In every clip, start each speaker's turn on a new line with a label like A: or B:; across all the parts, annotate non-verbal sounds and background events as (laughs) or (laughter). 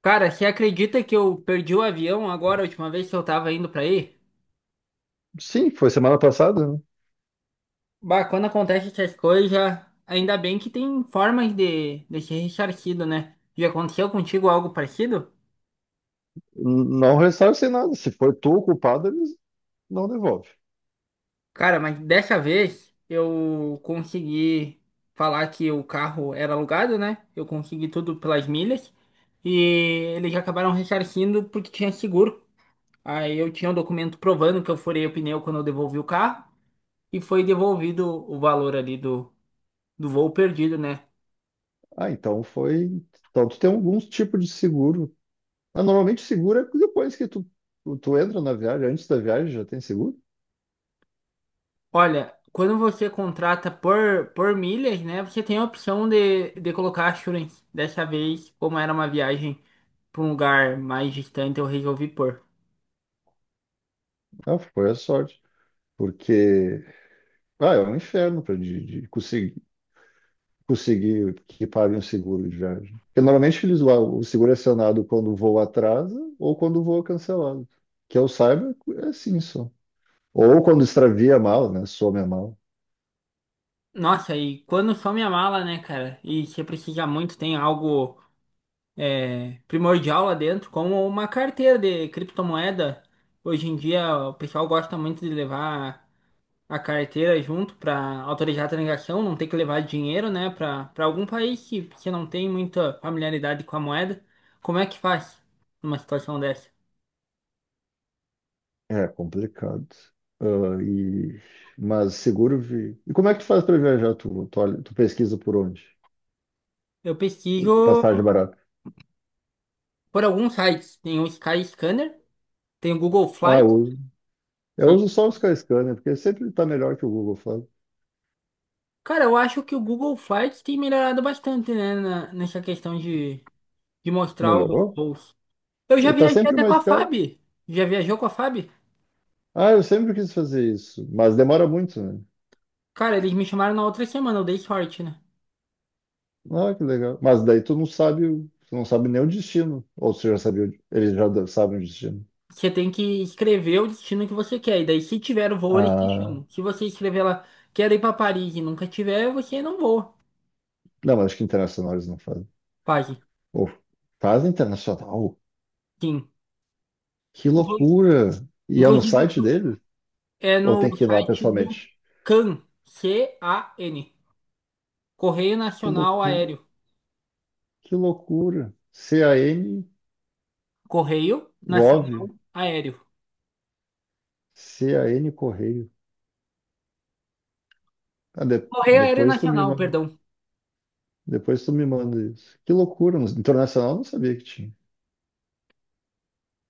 A: Cara, você acredita que eu perdi o avião agora, a última vez que eu tava indo pra aí?
B: Sim, foi semana passada, né?
A: Bah, quando acontece essas coisas, ainda bem que tem formas de ser ressarcido, né? Já aconteceu contigo algo parecido?
B: Não ressarcem nada. Se for tu o culpado, eles não devolvem.
A: Cara, mas dessa vez eu consegui falar que o carro era alugado, né? Eu consegui tudo pelas milhas e eles acabaram ressarcindo porque tinha seguro. Aí eu tinha um documento provando que eu furei o pneu quando eu devolvi o carro e foi devolvido o valor ali do voo perdido, né?
B: Ah, então foi. Então tu tem alguns tipos de seguro. Ah, normalmente seguro é depois que tu entra na viagem, antes da viagem já tem seguro.
A: Olha, quando você contrata por milhas, né? Você tem a opção de colocar assurance. Dessa vez, como era uma viagem para um lugar mais distante, eu resolvi pôr.
B: Ah, foi a sorte. Porque é um inferno para de conseguir que pague um seguro de viagem. Porque normalmente eles lá, o seguro é acionado quando o voo atrasa ou quando o voo é cancelado. Que eu saiba, é assim só. Ou quando extravia a mala, né? Some a mala.
A: Nossa, e quando some a mala, né, cara? E você precisa muito, tem algo primordial lá dentro, como uma carteira de criptomoeda. Hoje em dia, o pessoal gosta muito de levar a carteira junto para autorizar a transação, não ter que levar dinheiro, né, para algum país que não tem muita familiaridade com a moeda. Como é que faz numa situação dessa?
B: É complicado. Ah, e... Mas seguro vi. E como é que tu faz para viajar? Tu pesquisa por onde?
A: Eu pesquiso
B: Passagem barata.
A: por alguns sites. Tem o Sky Scanner, tem o Google
B: Ah, eu
A: Flights.
B: uso. Eu
A: que-
B: uso só o Skyscanner, porque sempre está melhor que o Google Fly.
A: Cara, eu acho que o Google Flights tem melhorado bastante, né, nessa questão de mostrar os
B: Melhorou?
A: voos. Eu já
B: Está
A: viajei
B: sempre
A: até com
B: mais
A: a
B: caro.
A: FAB. Já viajou com a FAB?
B: Ah, eu sempre quis fazer isso, mas demora muito, né?
A: Cara, eles me chamaram na outra semana, eu dei sorte, né?
B: Ah, que legal. Mas daí tu não sabe, tu não sabe nem o destino. Ou tu já sabia, eles já sabem o destino.
A: Você tem que escrever o destino que você quer. E daí, se tiver o voo, eles te
B: Ah,
A: chamam. Se você escrever lá, quero ir para Paris e nunca tiver, você não voa.
B: não, mas acho que internacional eles não fazem.
A: Pague.
B: Ou fazem internacional?
A: Sim.
B: Que
A: Inclu-
B: loucura! E é no
A: Inclusive,
B: site dele?
A: é
B: Ou
A: no
B: tem que ir lá
A: site do
B: pessoalmente?
A: CAN. CAN. Correio
B: Que
A: Nacional
B: loucura!
A: Aéreo.
B: Que loucura! CAN
A: Correio
B: Gov,
A: Nacional Aéreo.
B: CAN Correio. Ah,
A: Correio Aéreo Nacional, perdão.
B: depois tu me manda isso. Que loucura! Internacional eu não sabia que tinha.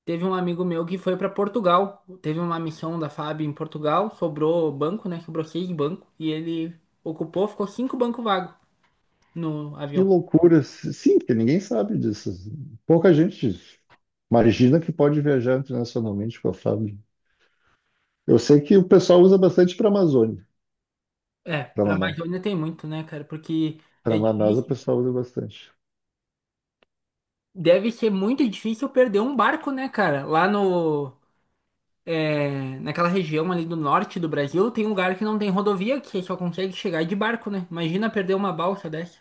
A: Teve um amigo meu que foi para Portugal. Teve uma missão da FAB em Portugal. Sobrou banco, né? Sobrou seis bancos. E ele ocupou, ficou cinco bancos vagos no
B: Que
A: avião.
B: loucura! Sim, porque ninguém sabe disso. Pouca gente imagina que pode viajar internacionalmente com a Fábio. Eu sei que o pessoal usa bastante para Amazônia,
A: É,
B: para
A: pra
B: Manaus.
A: Amazônia tem muito, né, cara? Porque
B: Para
A: é
B: Manaus o
A: difícil.
B: pessoal usa bastante.
A: Deve ser muito difícil perder um barco, né, cara? Lá no. é, naquela região ali do norte do Brasil, tem um lugar que não tem rodovia, que você só consegue chegar de barco, né? Imagina perder uma balsa dessa.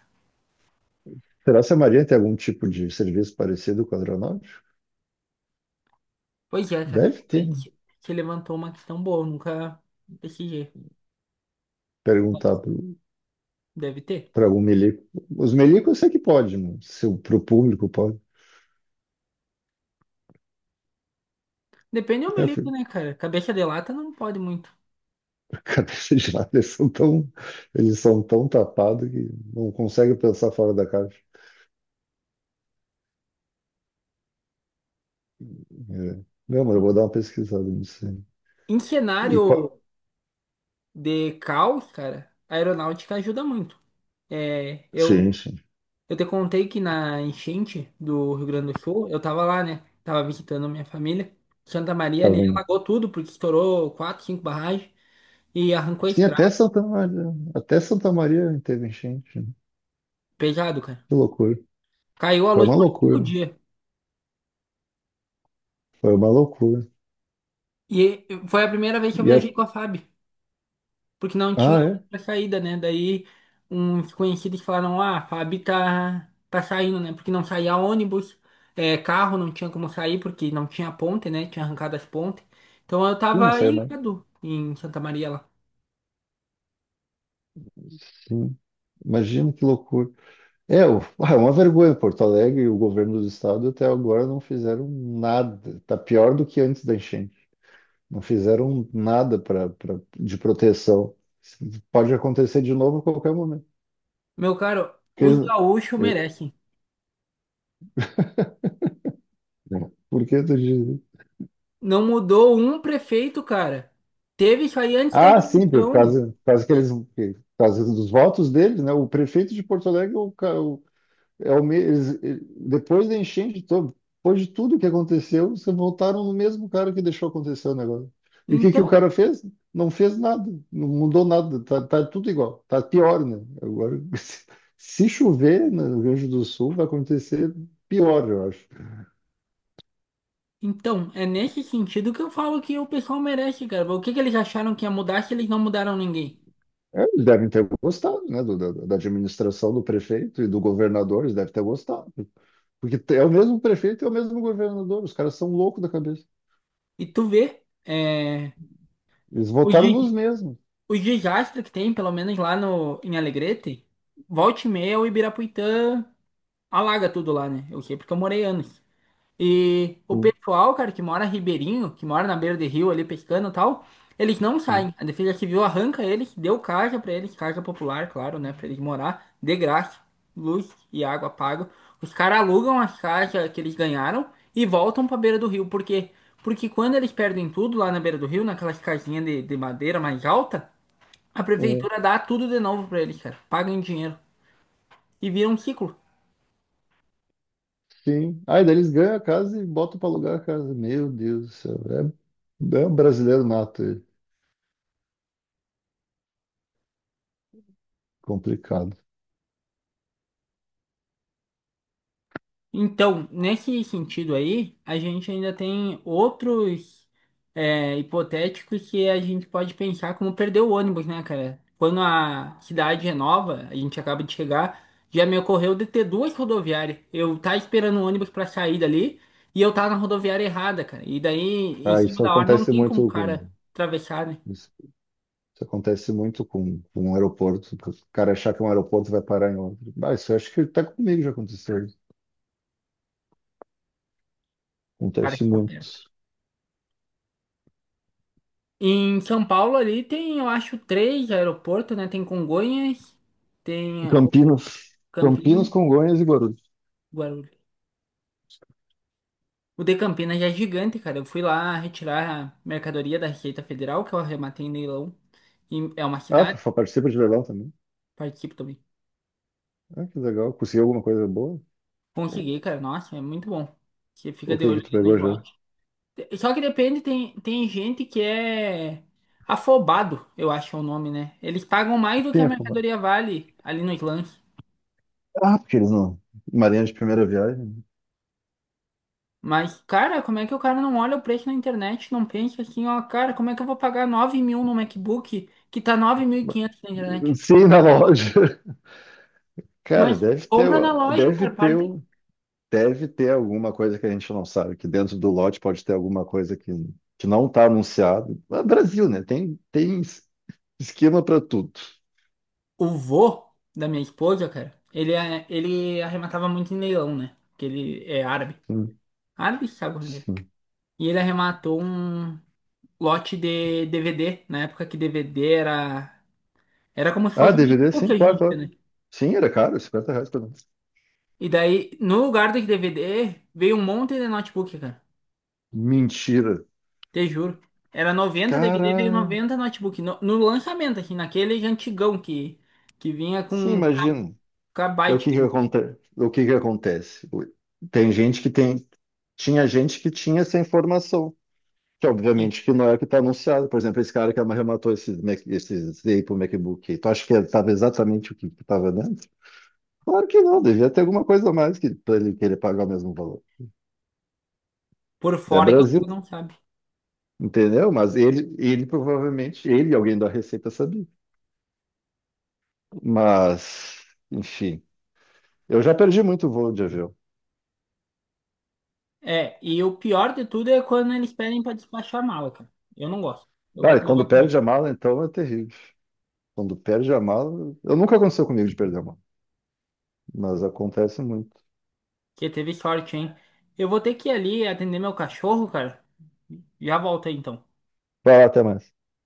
B: Será se a Maria tem algum tipo de serviço parecido com o aeronáutico?
A: Pois é, cara.
B: Deve ter,
A: Aí
B: né?
A: você levantou uma questão boa, eu nunca pesquisei.
B: Perguntar
A: Mas deve ter.
B: para algum milico. Os milicos eu sei que pode, né? Se para o público pode.
A: Depende do
B: É,
A: milico,
B: filho,
A: né, cara? Cabeça de lata não pode muito.
B: (laughs) a cabeça de lado, eles são tão tapados que não conseguem pensar fora da caixa. É. Não, mas eu vou dar uma pesquisada nisso aí.
A: Em
B: E qual...
A: cenário de caos, cara, a aeronáutica ajuda muito. É, eu
B: Sim, sim.
A: Eu te contei que na enchente do Rio Grande do Sul, eu tava lá, né? Tava visitando minha família. Santa Maria
B: Tá
A: ali
B: vendo?
A: alagou tudo, porque estourou quatro, cinco barragens e arrancou a
B: Sim, até
A: estrada.
B: Santa Maria, até Santa Maria teve enchente, né?
A: Pesado, cara.
B: Que loucura.
A: Caiu a
B: Foi
A: luz
B: uma
A: por cinco
B: loucura.
A: dias.
B: Foi uma loucura.
A: E foi a primeira vez que eu
B: E a...
A: viajei com a FAB, porque não tinha
B: Ah, é?
A: outra saída, né? Daí uns conhecidos falaram, ah, a FAB tá saindo, né? Porque não saía ônibus, carro não tinha como sair, porque não tinha ponte, né? Tinha arrancado as pontes. Então eu
B: Sim, não
A: tava
B: sei mais.
A: ilhado em Santa Maria lá.
B: Sim. Imagina que loucura. É, é uma vergonha. Porto Alegre e o governo do estado até agora não fizeram nada. Tá pior do que antes da enchente. Não fizeram nada de proteção. Pode acontecer de novo a qualquer momento.
A: Meu caro,
B: Porque,
A: os gaúchos
B: é,
A: merecem.
B: por que tu diz?
A: Não mudou um prefeito, cara. Teve isso aí antes da
B: Ah, sim,
A: eleição.
B: por causa que eles, por causa dos votos deles, né? O prefeito de Porto Alegre, o, o é o, eles, depois da enchente, depois de tudo que aconteceu, você voltaram no mesmo cara que deixou acontecer o negócio. E o que que o
A: Então,
B: cara fez? Não fez nada, não mudou nada, tá tudo igual, tá pior, né? Agora, (laughs) se chover no Rio Grande do Sul, vai acontecer pior, eu acho.
A: então, é nesse sentido que eu falo que o pessoal merece, cara. O que que eles acharam que ia mudar se eles não mudaram ninguém?
B: É, eles devem ter gostado, né, da administração do prefeito e do governador, eles devem ter gostado. Porque é o mesmo prefeito e é o mesmo governador, os caras são loucos da cabeça.
A: E tu vê,
B: Eles
A: os,
B: votaram nos
A: des-
B: mesmos.
A: os desastres que tem, pelo menos lá no, em Alegrete, volte e meia o Ibirapuitã alaga tudo lá, né? Eu sei porque eu morei anos. E o
B: Sim,
A: pessoal, cara, que mora ribeirinho, que mora na beira de rio ali pescando e tal, eles não
B: sim.
A: saem. A Defesa Civil arranca eles, deu casa pra eles, casa popular, claro, né, pra eles morar de graça, luz e água pago. Os caras alugam as casas que eles ganharam e voltam pra beira do rio. Por quê? Porque quando eles perdem tudo lá na beira do rio, naquelas casinhas de madeira mais alta, a
B: É,
A: prefeitura dá tudo de novo pra eles, cara. Pagam em dinheiro e vira um ciclo.
B: sim. Aí daí eles ganham a casa e botam para alugar a casa. Meu Deus do céu. É, é um brasileiro nato, é complicado.
A: Então, nesse sentido aí, a gente ainda tem outros hipotéticos que a gente pode pensar como perder o ônibus, né, cara? Quando a cidade é nova, a gente acaba de chegar, já me ocorreu de ter duas rodoviárias. Eu tá esperando o ônibus pra sair dali e eu tava na rodoviária errada, cara. E daí, em
B: Ah,
A: cima
B: isso
A: da hora, não
B: acontece
A: tem como o
B: muito com.
A: cara atravessar, né? O
B: Isso, isso acontece muito com, um aeroporto. Que O cara achar que é um aeroporto e vai parar em outro. Ah, isso eu acho que até comigo já aconteceu.
A: cara
B: Acontece
A: se aperta.
B: muito.
A: Em São Paulo ali tem, eu acho, três aeroportos, né? Tem Congonhas, tem o
B: Campinas. Campinas,
A: Campinas.
B: Congonhas e Guarulhos.
A: Guarulhos. O de Campinas já é gigante, cara. Eu fui lá retirar a mercadoria da Receita Federal, que eu arrematei em leilão. E é uma
B: Ah, tu
A: cidade,
B: participa de leilão também?
A: participo também.
B: Ah, que legal. Conseguiu alguma coisa boa? O
A: Consegui, cara. Nossa, é muito bom. Você fica
B: o
A: de
B: que
A: olho
B: que tu
A: ali no
B: pegou já?
A: slot. Só que depende, tem gente que é afobado, eu acho é o nome, né? Eles pagam mais do que
B: Sim,
A: a
B: eu falo,
A: mercadoria vale ali nos lances.
B: ah, porque eles não. Marinha de primeira viagem.
A: Mas, cara, como é que o cara não olha o preço na internet, não pensa assim, ó, cara, como é que eu vou pagar 9 mil no MacBook que tá 9.500 na internet?
B: Sim, na loja. (laughs) Cara,
A: Mas compra na loja,
B: deve
A: cara. Para
B: ter,
A: de...
B: um, deve ter alguma coisa que a gente não sabe, que dentro do lote pode ter alguma coisa que não está anunciado. É Brasil, né? Tem esquema para tudo.
A: O vô da minha esposa, cara, ele arrematava muito em leilão, né? Porque ele é árabe.
B: Sim,
A: Árabe, sabe como é que é.
B: sim.
A: E ele arrematou um lote de DVD, na época que DVD era... Era como se
B: Ah,
A: fosse um
B: DVD,
A: notebook
B: sim,
A: hoje em
B: claro,
A: dia,
B: claro.
A: né?
B: Sim, era caro, R$ 50 pra mim.
A: E daí, no lugar dos DVD, veio um monte de notebook, cara.
B: Mentira.
A: Te juro. Era 90 DVD, veio
B: Cara,
A: 90 notebook. No lançamento, assim, naquele antigão que vinha
B: sim,
A: com
B: imagina.
A: KB.
B: Daí o que que acontece? O que que acontece? Tem gente que tem, tinha gente que tinha essa informação. Que obviamente que não é o que está anunciado. Por exemplo, esse cara que arrematou esse, Mac, esse Z pro MacBook, aí, tu acha que estava exatamente o que estava dentro? Claro que não, devia ter alguma coisa a mais que, para ele querer pagar o mesmo valor.
A: Por
B: É
A: fora que o
B: Brasil,
A: cara não sabe.
B: entendeu? Mas ele provavelmente, ele e alguém da Receita sabia. Mas, enfim, eu já perdi muito voo de avião.
A: É, e o pior de tudo é quando eles pedem pra despachar a mala, cara. Eu não gosto. Eu
B: Ah,
A: gosto
B: e
A: de
B: quando
A: levar comigo.
B: perde a mala, então é terrível. Quando perde a mala, eu nunca aconteceu comigo de perder a mala, mas acontece muito.
A: Porque teve sorte, hein? Eu vou ter que ir ali atender meu cachorro, cara. Já volto aí, então.
B: Vai lá, até mais.